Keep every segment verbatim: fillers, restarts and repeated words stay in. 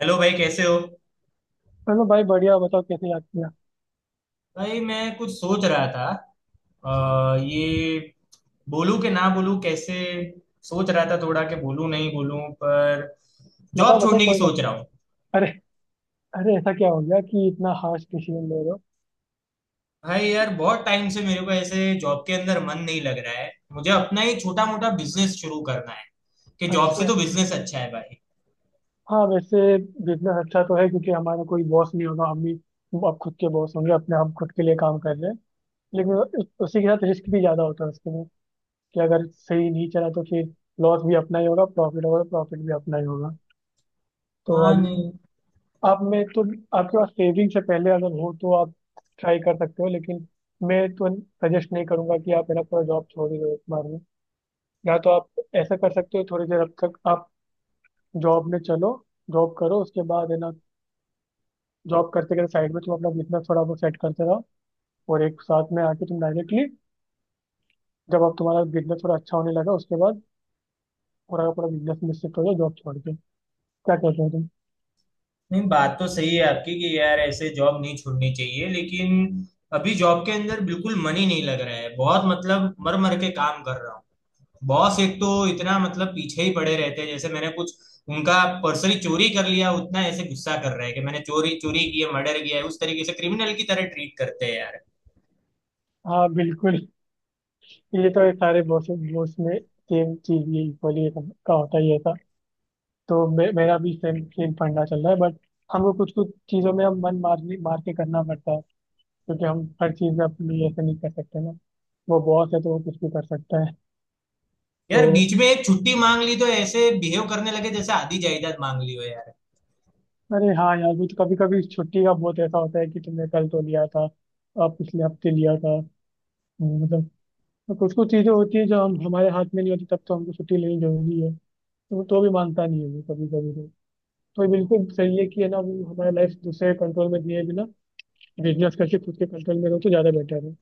Hello भाई, कैसे हो। चलो भाई, बढ़िया। बताओ कैसे याद किया। भाई मैं कुछ सोच रहा था। आ, ये बोलूं कि ना बोलूं, कैसे सोच रहा था थोड़ा कि बोलूं नहीं बोलूं। पर बताओ जॉब बताओ, छोड़ने की कोई बात। सोच रहा हूँ। अरे। अरे ऐसा क्या हो गया कि इतना हार्श डिसीजन ले रहे हो। भाई यार बहुत टाइम से मेरे को ऐसे जॉब के अंदर मन नहीं लग रहा है। मुझे अपना ही छोटा मोटा बिजनेस शुरू करना है कि जॉब से अच्छा। तो बिजनेस अच्छा है भाई। हाँ वैसे बिजनेस अच्छा तो है, क्योंकि हमारा कोई बॉस नहीं होगा, हम ही अब खुद के बॉस होंगे अपने, हम खुद के लिए काम कर रहे हैं। लेकिन उ- उसी के साथ रिस्क भी ज़्यादा होता है उसके में। कि अगर सही नहीं चला तो फिर लॉस भी अपना ही होगा, प्रॉफिट होगा तो प्रॉफिट भी अपना ही होगा। तो हाँ। अब नहीं, आप में तो, आपके पास सेविंग से पहले अगर हो तो आप ट्राई कर सकते हो। लेकिन मैं तो सजेस्ट नहीं करूंगा कि आप मेरा पूरा जॉब छोड़ ही दो एक बार में। या तो आप ऐसा कर सकते हो, थोड़ी देर अब तक आप जॉब में चलो, जॉब करो, उसके बाद है ना, जॉब करते करते साइड में तुम अपना बिजनेस थोड़ा बहुत सेट करते रहो। और एक साथ में आके तुम डायरेक्टली, जब आप तुम्हारा बिजनेस थोड़ा अच्छा होने लगा उसके बाद पूरा का पूरा बिजनेस में शिफ्ट हो जाओ, जॉब छोड़ के। क्या कहते हो तुम। नहीं बात तो सही है आपकी कि यार ऐसे जॉब नहीं छोड़नी चाहिए, लेकिन अभी जॉब के अंदर बिल्कुल मन ही नहीं लग रहा है। बहुत मतलब मर मर के काम कर रहा हूँ। बॉस एक तो इतना मतलब पीछे ही पड़े रहते हैं जैसे मैंने कुछ उनका पर्स ही चोरी कर लिया। उतना ऐसे गुस्सा कर रहे हैं कि मैंने चोरी चोरी की है, मर्डर किया है। उस तरीके से क्रिमिनल की तरह ट्रीट करते हैं यार। हाँ बिल्कुल। ये तो ये सारे बॉस बॉस में सेम चीज, ये इक्वली का होता ही है ऐसा। तो मे, मेरा भी सेम सेम फंडा चल रहा है, बट हमको कुछ कुछ चीजों में हम मन मार मार के करना पड़ता है, क्योंकि हम हर चीज़ अपने लिए ऐसे नहीं कर सकते ना। वो बॉस है तो वो कुछ भी कर सकता है। तो यार बीच में एक छुट्टी मांग ली तो ऐसे बिहेव करने लगे जैसे आधी जायदाद मांग ली हो यार। अरे हाँ यार, भी तो कभी कभी छुट्टी का बहुत ऐसा होता है कि तुमने कल तो लिया था, अब पिछले हफ्ते लिया था। हम्म, मतलब, तो कुछ कुछ चीज़ें होती है जो हम हमारे हाथ में नहीं होती, तब तो हमको छुट्टी लेनी जरूरी है। तो वो तो भी मानता नहीं है वो, कभी कभी तो। तो ये बिल्कुल सही है कि है ना, वो हमारा लाइफ दूसरे कंट्रोल में दिए बिना बिजनेस करके खुद के कंट्रोल में रहो तो ज़्यादा बेटर है।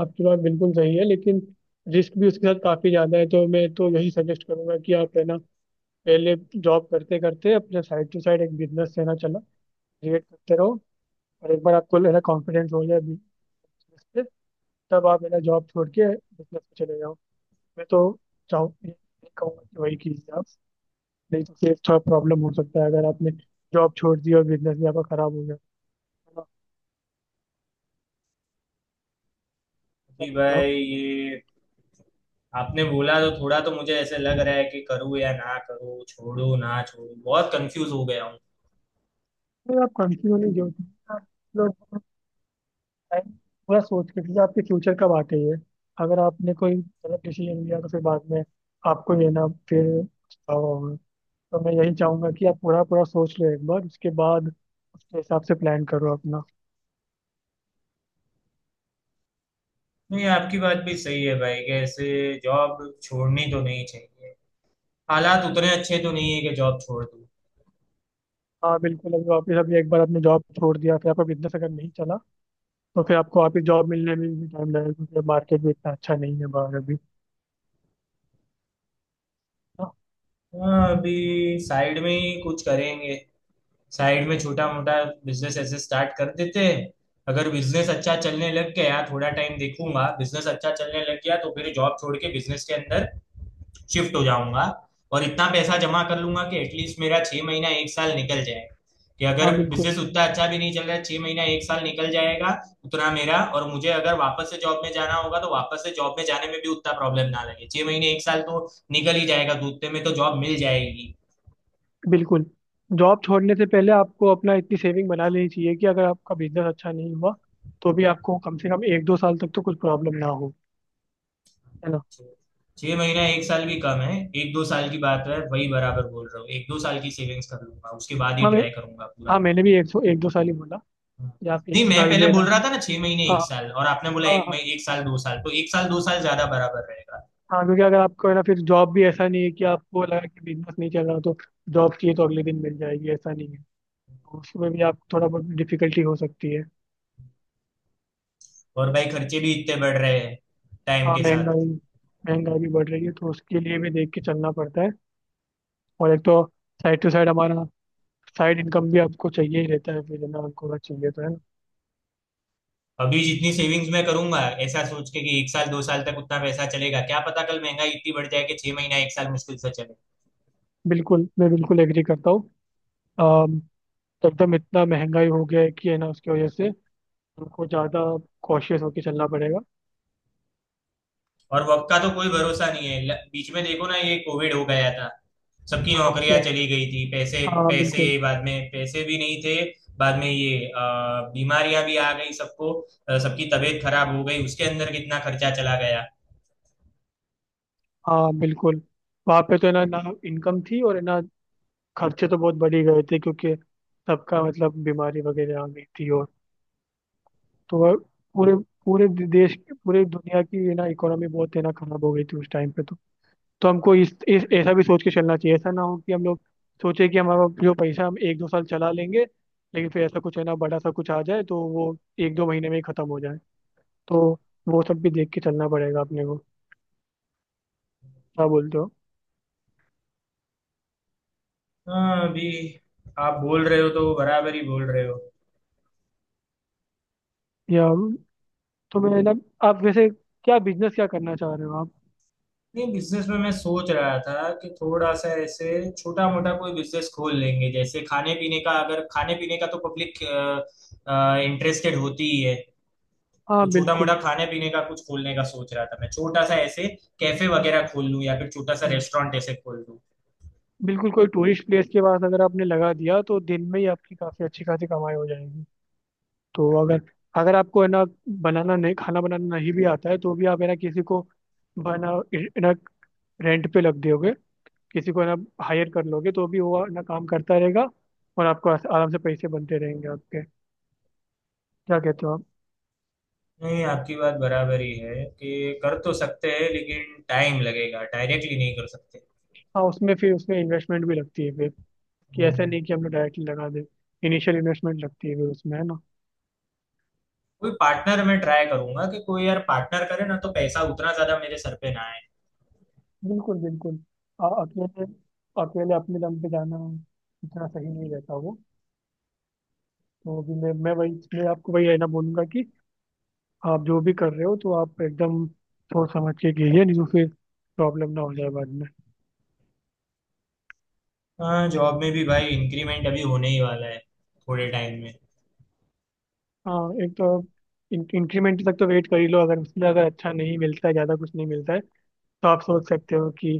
आपकी बात बिल्कुल सही है, लेकिन रिस्क भी उसके साथ काफ़ी ज़्यादा है। तो मैं तो यही सजेस्ट करूंगा कि आप, है ना, पहले जॉब करते करते अपने साइड टू साइड एक बिजनेस लेना चला, क्रिएट करते रहो। और एक बार आपको लेना कॉन्फिडेंस हो जाए बिजनेस पे, तब आप मेरा जॉब छोड़ के बिजनेस पे चले जाओ। मैं तो चाहूँ ये ये कहूंगा कि वही कीजिए आप। नहीं तो फिर थोड़ा प्रॉब्लम हो सकता है, अगर आपने जॉब छोड़ दी और बिजनेस भी आपका खराब हो गया। है ना? क्या जी कहते हो आप? भाई, ये आपने बोला तो थोड़ा तो मुझे ऐसे लग रहा है कि करूँ या ना करूँ, छोड़ू ना छोड़ू, बहुत कंफ्यूज हो गया हूँ। तो आप कंटिन्यू नहीं, जो आप लोग टाइम पूरा सोच के कीजिए, आपके फ्यूचर कब आके ही है। अगर आपने कोई गलत डिसीजन लिया तो फिर बाद में आपको ये ना फिर पछतावा होगा। तो मैं यही चाहूंगा कि आप पूरा पूरा सोच लो एक बार, उसके बाद उसके हिसाब से प्लान करो अपना। नहीं, आपकी बात भी सही है भाई कि ऐसे जॉब छोड़नी तो नहीं चाहिए। हालात उतने अच्छे तो नहीं है कि जॉब छोड़ दूं। हाँ बिल्कुल। अभी वापस, अभी एक बार आपने जॉब छोड़ दिया फिर आपका बिजनेस अगर नहीं चला, तो फिर आपको वापस जॉब मिलने में भी टाइम लगेगा, क्योंकि मार्केट भी इतना अच्छा नहीं है बाहर अभी। हाँ। हाँ, अभी साइड में ही कुछ करेंगे। साइड में छोटा मोटा बिजनेस ऐसे स्टार्ट कर देते हैं। अगर बिजनेस अच्छा चलने लग गया, थोड़ा टाइम देखूंगा, बिजनेस अच्छा चलने लग गया तो फिर जॉब छोड़ के बिजनेस के अंदर शिफ्ट हो जाऊंगा। और इतना पैसा जमा कर लूंगा कि एटलीस्ट मेरा छह महीना एक साल निकल जाए। कि अगर हाँ, बिल्कुल। बिजनेस उतना अच्छा भी नहीं चल रहा है, छह महीना एक साल निकल जाएगा। उतना मेरा, और मुझे अगर वापस से जॉब में जाना होगा तो वापस से जॉब में जाने में भी उतना प्रॉब्लम ना लगे। छह महीने एक साल तो निकल ही जाएगा तो उतने में तो जॉब मिल जाएगी। बिल्कुल। जॉब छोड़ने से पहले आपको अपना इतनी सेविंग बना लेनी चाहिए कि अगर आपका बिजनेस अच्छा नहीं हुआ तो भी आपको कम से कम एक दो साल तक तो कुछ प्रॉब्लम ना हो। है ना। छह महीना एक साल भी कम है। एक दो साल की बात है वही बराबर बोल रहा हूँ। एक दो साल की सेविंग्स कर लूंगा उसके बाद ही हाँ मैं, ट्राई करूंगा हाँ पूरा। मैंने भी एक, सौ- एक दो साल ही बोला। या आप एक नहीं दो मैं साल पहले में बोल ना। रहा था ना छह महीने हाँ। एक साल, और आपने बोला एक हाँ। महीने एक साल दो साल, तो एक साल दो साल ज्यादा बराबर रहेगा। हाँ, क्योंकि अगर आपको है ना, फिर जॉब भी ऐसा नहीं है कि आपको लगा कि बिजनेस नहीं चल रहा तो जॉब चाहिए तो अगले दिन मिल जाएगी, ऐसा नहीं है। तो उसमें भी आप थोड़ा बहुत डिफिकल्टी हो सकती है। और भाई खर्चे भी इतने बढ़ रहे हैं टाइम हाँ के साथ। महंगाई, महंगाई भी बढ़ रही है तो उसके लिए भी देख के चलना पड़ता है। और एक तो साइड टू साइड हमारा साइड इनकम भी आपको चाहिए ही रहता है, फिर है ना, आपको अगर चाहिए तो, है ना। अभी जितनी सेविंग्स मैं करूंगा, ऐसा सोच के कि एक साल दो साल तक उतना पैसा चलेगा, क्या पता कल महंगाई इतनी बढ़ जाए कि छह महीना एक साल मुश्किल से चले। बिल्कुल, मैं बिल्कुल एग्री करता हूँ। अम, तो एकदम इतना महंगाई हो गया है कि, है ना, उसकी वजह से हमको ज़्यादा कॉशियस होकर चलना पड़ेगा। और वर्क का तो कोई भरोसा नहीं है। ल- बीच में देखो ना, ये कोविड हो गया था। सबकी हाँ उसी, नौकरियां चली गई थी, पैसे हाँ पैसे, बिल्कुल। बाद में पैसे भी नहीं थे। बाद में ये अ, बीमारियां भी आ गई सबको। अ, सबकी तबीयत खराब हो गई, उसके अंदर कितना खर्चा चला गया। हाँ बिल्कुल। वहाँ पे तो है ना, ना इनकम थी और, है ना, खर्चे तो बहुत बढ़ ही गए थे, क्योंकि सबका मतलब बीमारी वगैरह आ गई थी। और तो वह पूरे, पूरे देश, पूरे दुनिया की, है ना, इकोनॉमी बहुत, है ना, खराब हो गई थी उस टाइम पे तो। तो हमको इस, इस ऐसा भी सोच के चलना चाहिए, ऐसा ना हो कि हम लोग सोचे कि हमारा जो पैसा हम एक दो साल चला लेंगे, लेकिन फिर ऐसा कुछ, है ना, बड़ा सा कुछ आ जाए तो वो एक दो महीने में ही खत्म हो जाए। तो वो सब भी देख के चलना पड़ेगा अपने को। क्या बोलते हो। हाँ अभी आप बोल रहे हो तो बराबर ही बोल रहे हो। या तो मैं ना, आप वैसे क्या बिजनेस, क्या करना चाह रहे हो आप। नहीं बिजनेस में मैं सोच रहा था कि थोड़ा सा ऐसे छोटा मोटा कोई बिजनेस खोल लेंगे, जैसे खाने पीने का। अगर खाने पीने का तो पब्लिक इंटरेस्टेड होती ही है। हाँ तो छोटा बिल्कुल। मोटा खाने पीने का कुछ खोलने का सोच रहा था मैं, छोटा सा ऐसे कैफे वगैरह खोल लूं या फिर छोटा सा हम्म, रेस्टोरेंट ऐसे खोल लूं। बिल्कुल कोई टूरिस्ट प्लेस के पास अगर आपने लगा दिया तो दिन में ही आपकी काफ़ी अच्छी खासी कमाई हो जाएगी। तो अगर, अगर आपको है ना बनाना नहीं, खाना बनाना नहीं भी आता है तो भी आप, है ना, किसी को बना, है ना, रेंट पे लग दोगे, किसी को, है ना, हायर कर लोगे तो भी वो, है ना, काम करता रहेगा। और आपको आस- आराम से पैसे बनते रहेंगे आपके। क्या कहते हो आप। नहीं आपकी बात बराबर ही है कि कर तो सकते हैं लेकिन टाइम लगेगा डायरेक्टली नहीं कर सकते हाँ, उसमें फिर उसमें इन्वेस्टमेंट भी लगती है फिर, कि ऐसा हम्म। नहीं कि हम लोग डायरेक्टली लगा दें। इनिशियल इन्वेस्टमेंट लगती है फिर उसमें, है ना। कोई पार्टनर मैं ट्राई करूंगा कि कोई यार पार्टनर करे ना तो पैसा उतना ज्यादा मेरे सर पे ना आए। बिल्कुल बिल्कुल। आ, अकेले, अकेले अपने दम पे जाना इतना सही नहीं रहता वो। तो भी मैं मैं वही मैं आपको वही, है ना, बोलूंगा कि आप जो भी कर रहे हो तो आप एकदम सोच समझ के कीजिए, नहीं तो फिर प्रॉब्लम ना हो जाए बाद में। हाँ जॉब में भी भाई इंक्रीमेंट अभी होने ही वाला है थोड़े टाइम में। हाँ एक तो आप इन, इंक्रीमेंट तक तो वेट कर ही लो। अगर उसमें अगर अच्छा नहीं मिलता है, ज़्यादा कुछ नहीं मिलता है तो आप सोच सकते हो कि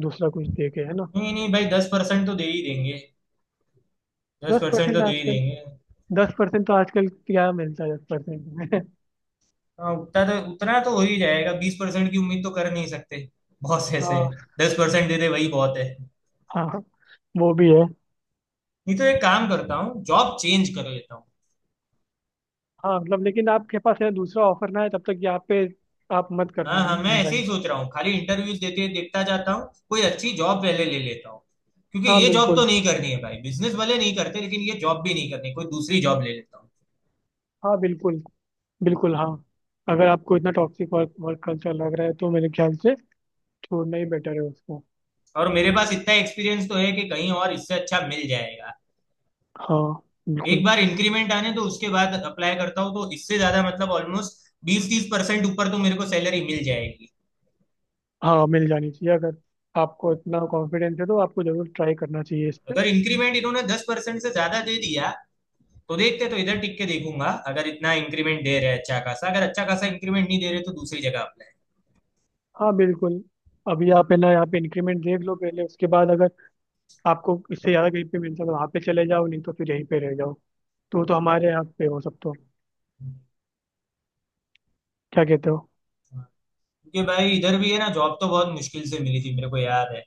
दूसरा कुछ देखे, है ना। नहीं नहीं भाई, दस परसेंट तो दे ही देंगे। दस दस परसेंट परसेंट तो दे ही आजकल, देंगे। दस परसेंट तो आजकल क्या मिलता है, दस परसेंट में हाँ उतना तो, उतना तो हो ही जाएगा। बीस परसेंट की उम्मीद तो कर नहीं सकते। बहुत ऐसे है। हाँ। दस परसेंट दे दे वही बहुत है। हाँ वो भी है। नहीं तो एक काम करता हूँ, जॉब चेंज कर लेता हूँ। हाँ मतलब, लेकिन आपके पास है दूसरा ऑफर ना है तब तक यहाँ पे आप मत हाँ करना हाँ, मैं ऐसे रिजाइन। ही सोच रहा हूँ। खाली इंटरव्यूज देते देखता जाता हूँ, कोई अच्छी जॉब पहले ले लेता हूँ। क्योंकि हाँ ये जॉब तो बिल्कुल। नहीं करनी है भाई। बिजनेस वाले नहीं करते लेकिन ये जॉब भी नहीं करनी, कोई दूसरी जॉब ले लेता हूँ। हाँ बिल्कुल। बिल्कुल हाँ। अगर आपको इतना टॉक्सिक वर्क वर्क कल्चर लग रहा है तो मेरे ख्याल से छोड़ना ही बेटर है उसको। और मेरे पास इतना एक्सपीरियंस तो है कि कहीं और इससे अच्छा मिल जाएगा। हाँ। एक बिल्कुल। बार इंक्रीमेंट आने तो उसके बाद अप्लाई करता हूँ तो इससे ज्यादा मतलब ऑलमोस्ट बीस तीस परसेंट ऊपर तो मेरे को सैलरी मिल जाएगी। हाँ मिल जानी चाहिए। अगर आपको इतना कॉन्फिडेंस है तो आपको जरूर ट्राई करना चाहिए इस पे। अगर इंक्रीमेंट इन्होंने दस परसेंट से ज्यादा दे दिया तो देखते, तो इधर टिक के देखूंगा। अगर इतना इंक्रीमेंट दे रहे हैं अच्छा खासा, अगर अच्छा खासा इंक्रीमेंट नहीं दे रहे तो दूसरी जगह अप्लाई। हाँ बिल्कुल। अभी आप, है ना, यहाँ पे इंक्रीमेंट देख लो पहले, उसके बाद अगर आपको इससे ज़्यादा कहीं पे मिल सके वहाँ पे चले जाओ, नहीं तो फिर यहीं पे रह जाओ। तो तो हमारे यहाँ पे हो सब तो। क्या कहते हो। क्योंकि भाई इधर भी है ना, जॉब तो बहुत मुश्किल से मिली थी मेरे को याद है।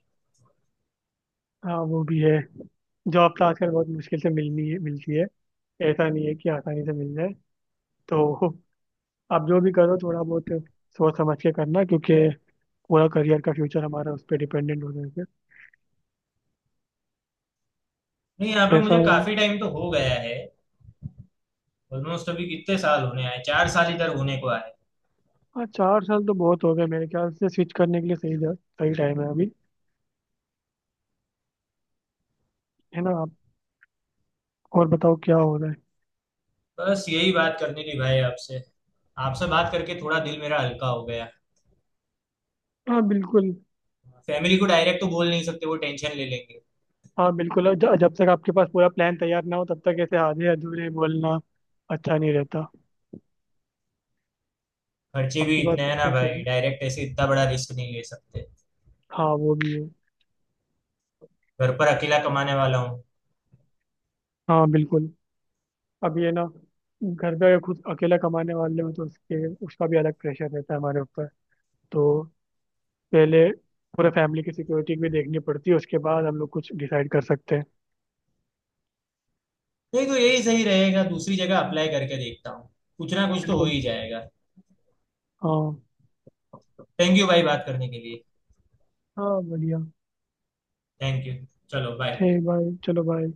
हाँ वो भी है। जॉब तो आजकल बहुत मुश्किल से मिलनी है, मिलती है, ऐसा नहीं है कि आसानी से मिल जाए। तो आप जो भी करो थोड़ा बहुत सोच समझ के करना, क्योंकि पूरा करियर का फ्यूचर हमारा उस पर डिपेंडेंट हो गया। नहीं, यहाँ पे है ऐसा। मुझे काफी टाइम तो हो गया है। ऑलमोस्ट अभी कितने साल होने आए, चार साल इधर होने को आए। हाँ चार साल तो बहुत हो गए मेरे ख्याल से, स्विच करने के लिए सही सही टाइम है अभी। है ना आप। और बताओ क्या हो रहा है। बस यही बात करनी थी भाई आपसे। आपसे बात करके थोड़ा दिल मेरा हल्का हो गया। हाँ बिल्कुल। फैमिली को डायरेक्ट तो बोल नहीं सकते, वो टेंशन ले लेंगे। हाँ बिल्कुल और ज- जब तक आपके पास पूरा प्लान तैयार ना हो तब तक ऐसे आधे अधूरे बोलना अच्छा नहीं रहता। खर्चे भी आपकी बात इतने हैं ना बिल्कुल सही भाई, है। डायरेक्ट ऐसे इतना बड़ा रिस्क नहीं ले सकते। हाँ वो भी है। घर पर अकेला कमाने वाला हूँ। हाँ बिल्कुल। अब ये ना, घर पे अगर खुद अकेला कमाने वाले हो तो उसके उसका भी अलग प्रेशर रहता है हमारे ऊपर। तो पहले पूरा फैमिली की सिक्योरिटी भी देखनी पड़ती है, उसके बाद हम लोग कुछ डिसाइड कर सकते हैं। नहीं तो यही सही रहेगा, दूसरी जगह अप्लाई करके देखता हूँ। कुछ ना कुछ तो हो बिल्कुल। ही जाएगा। हाँ। थैंक यू भाई बात करने के लिए। हाँ बढ़िया। Thank you. चलो बाय। ठीक भाई, चलो भाई।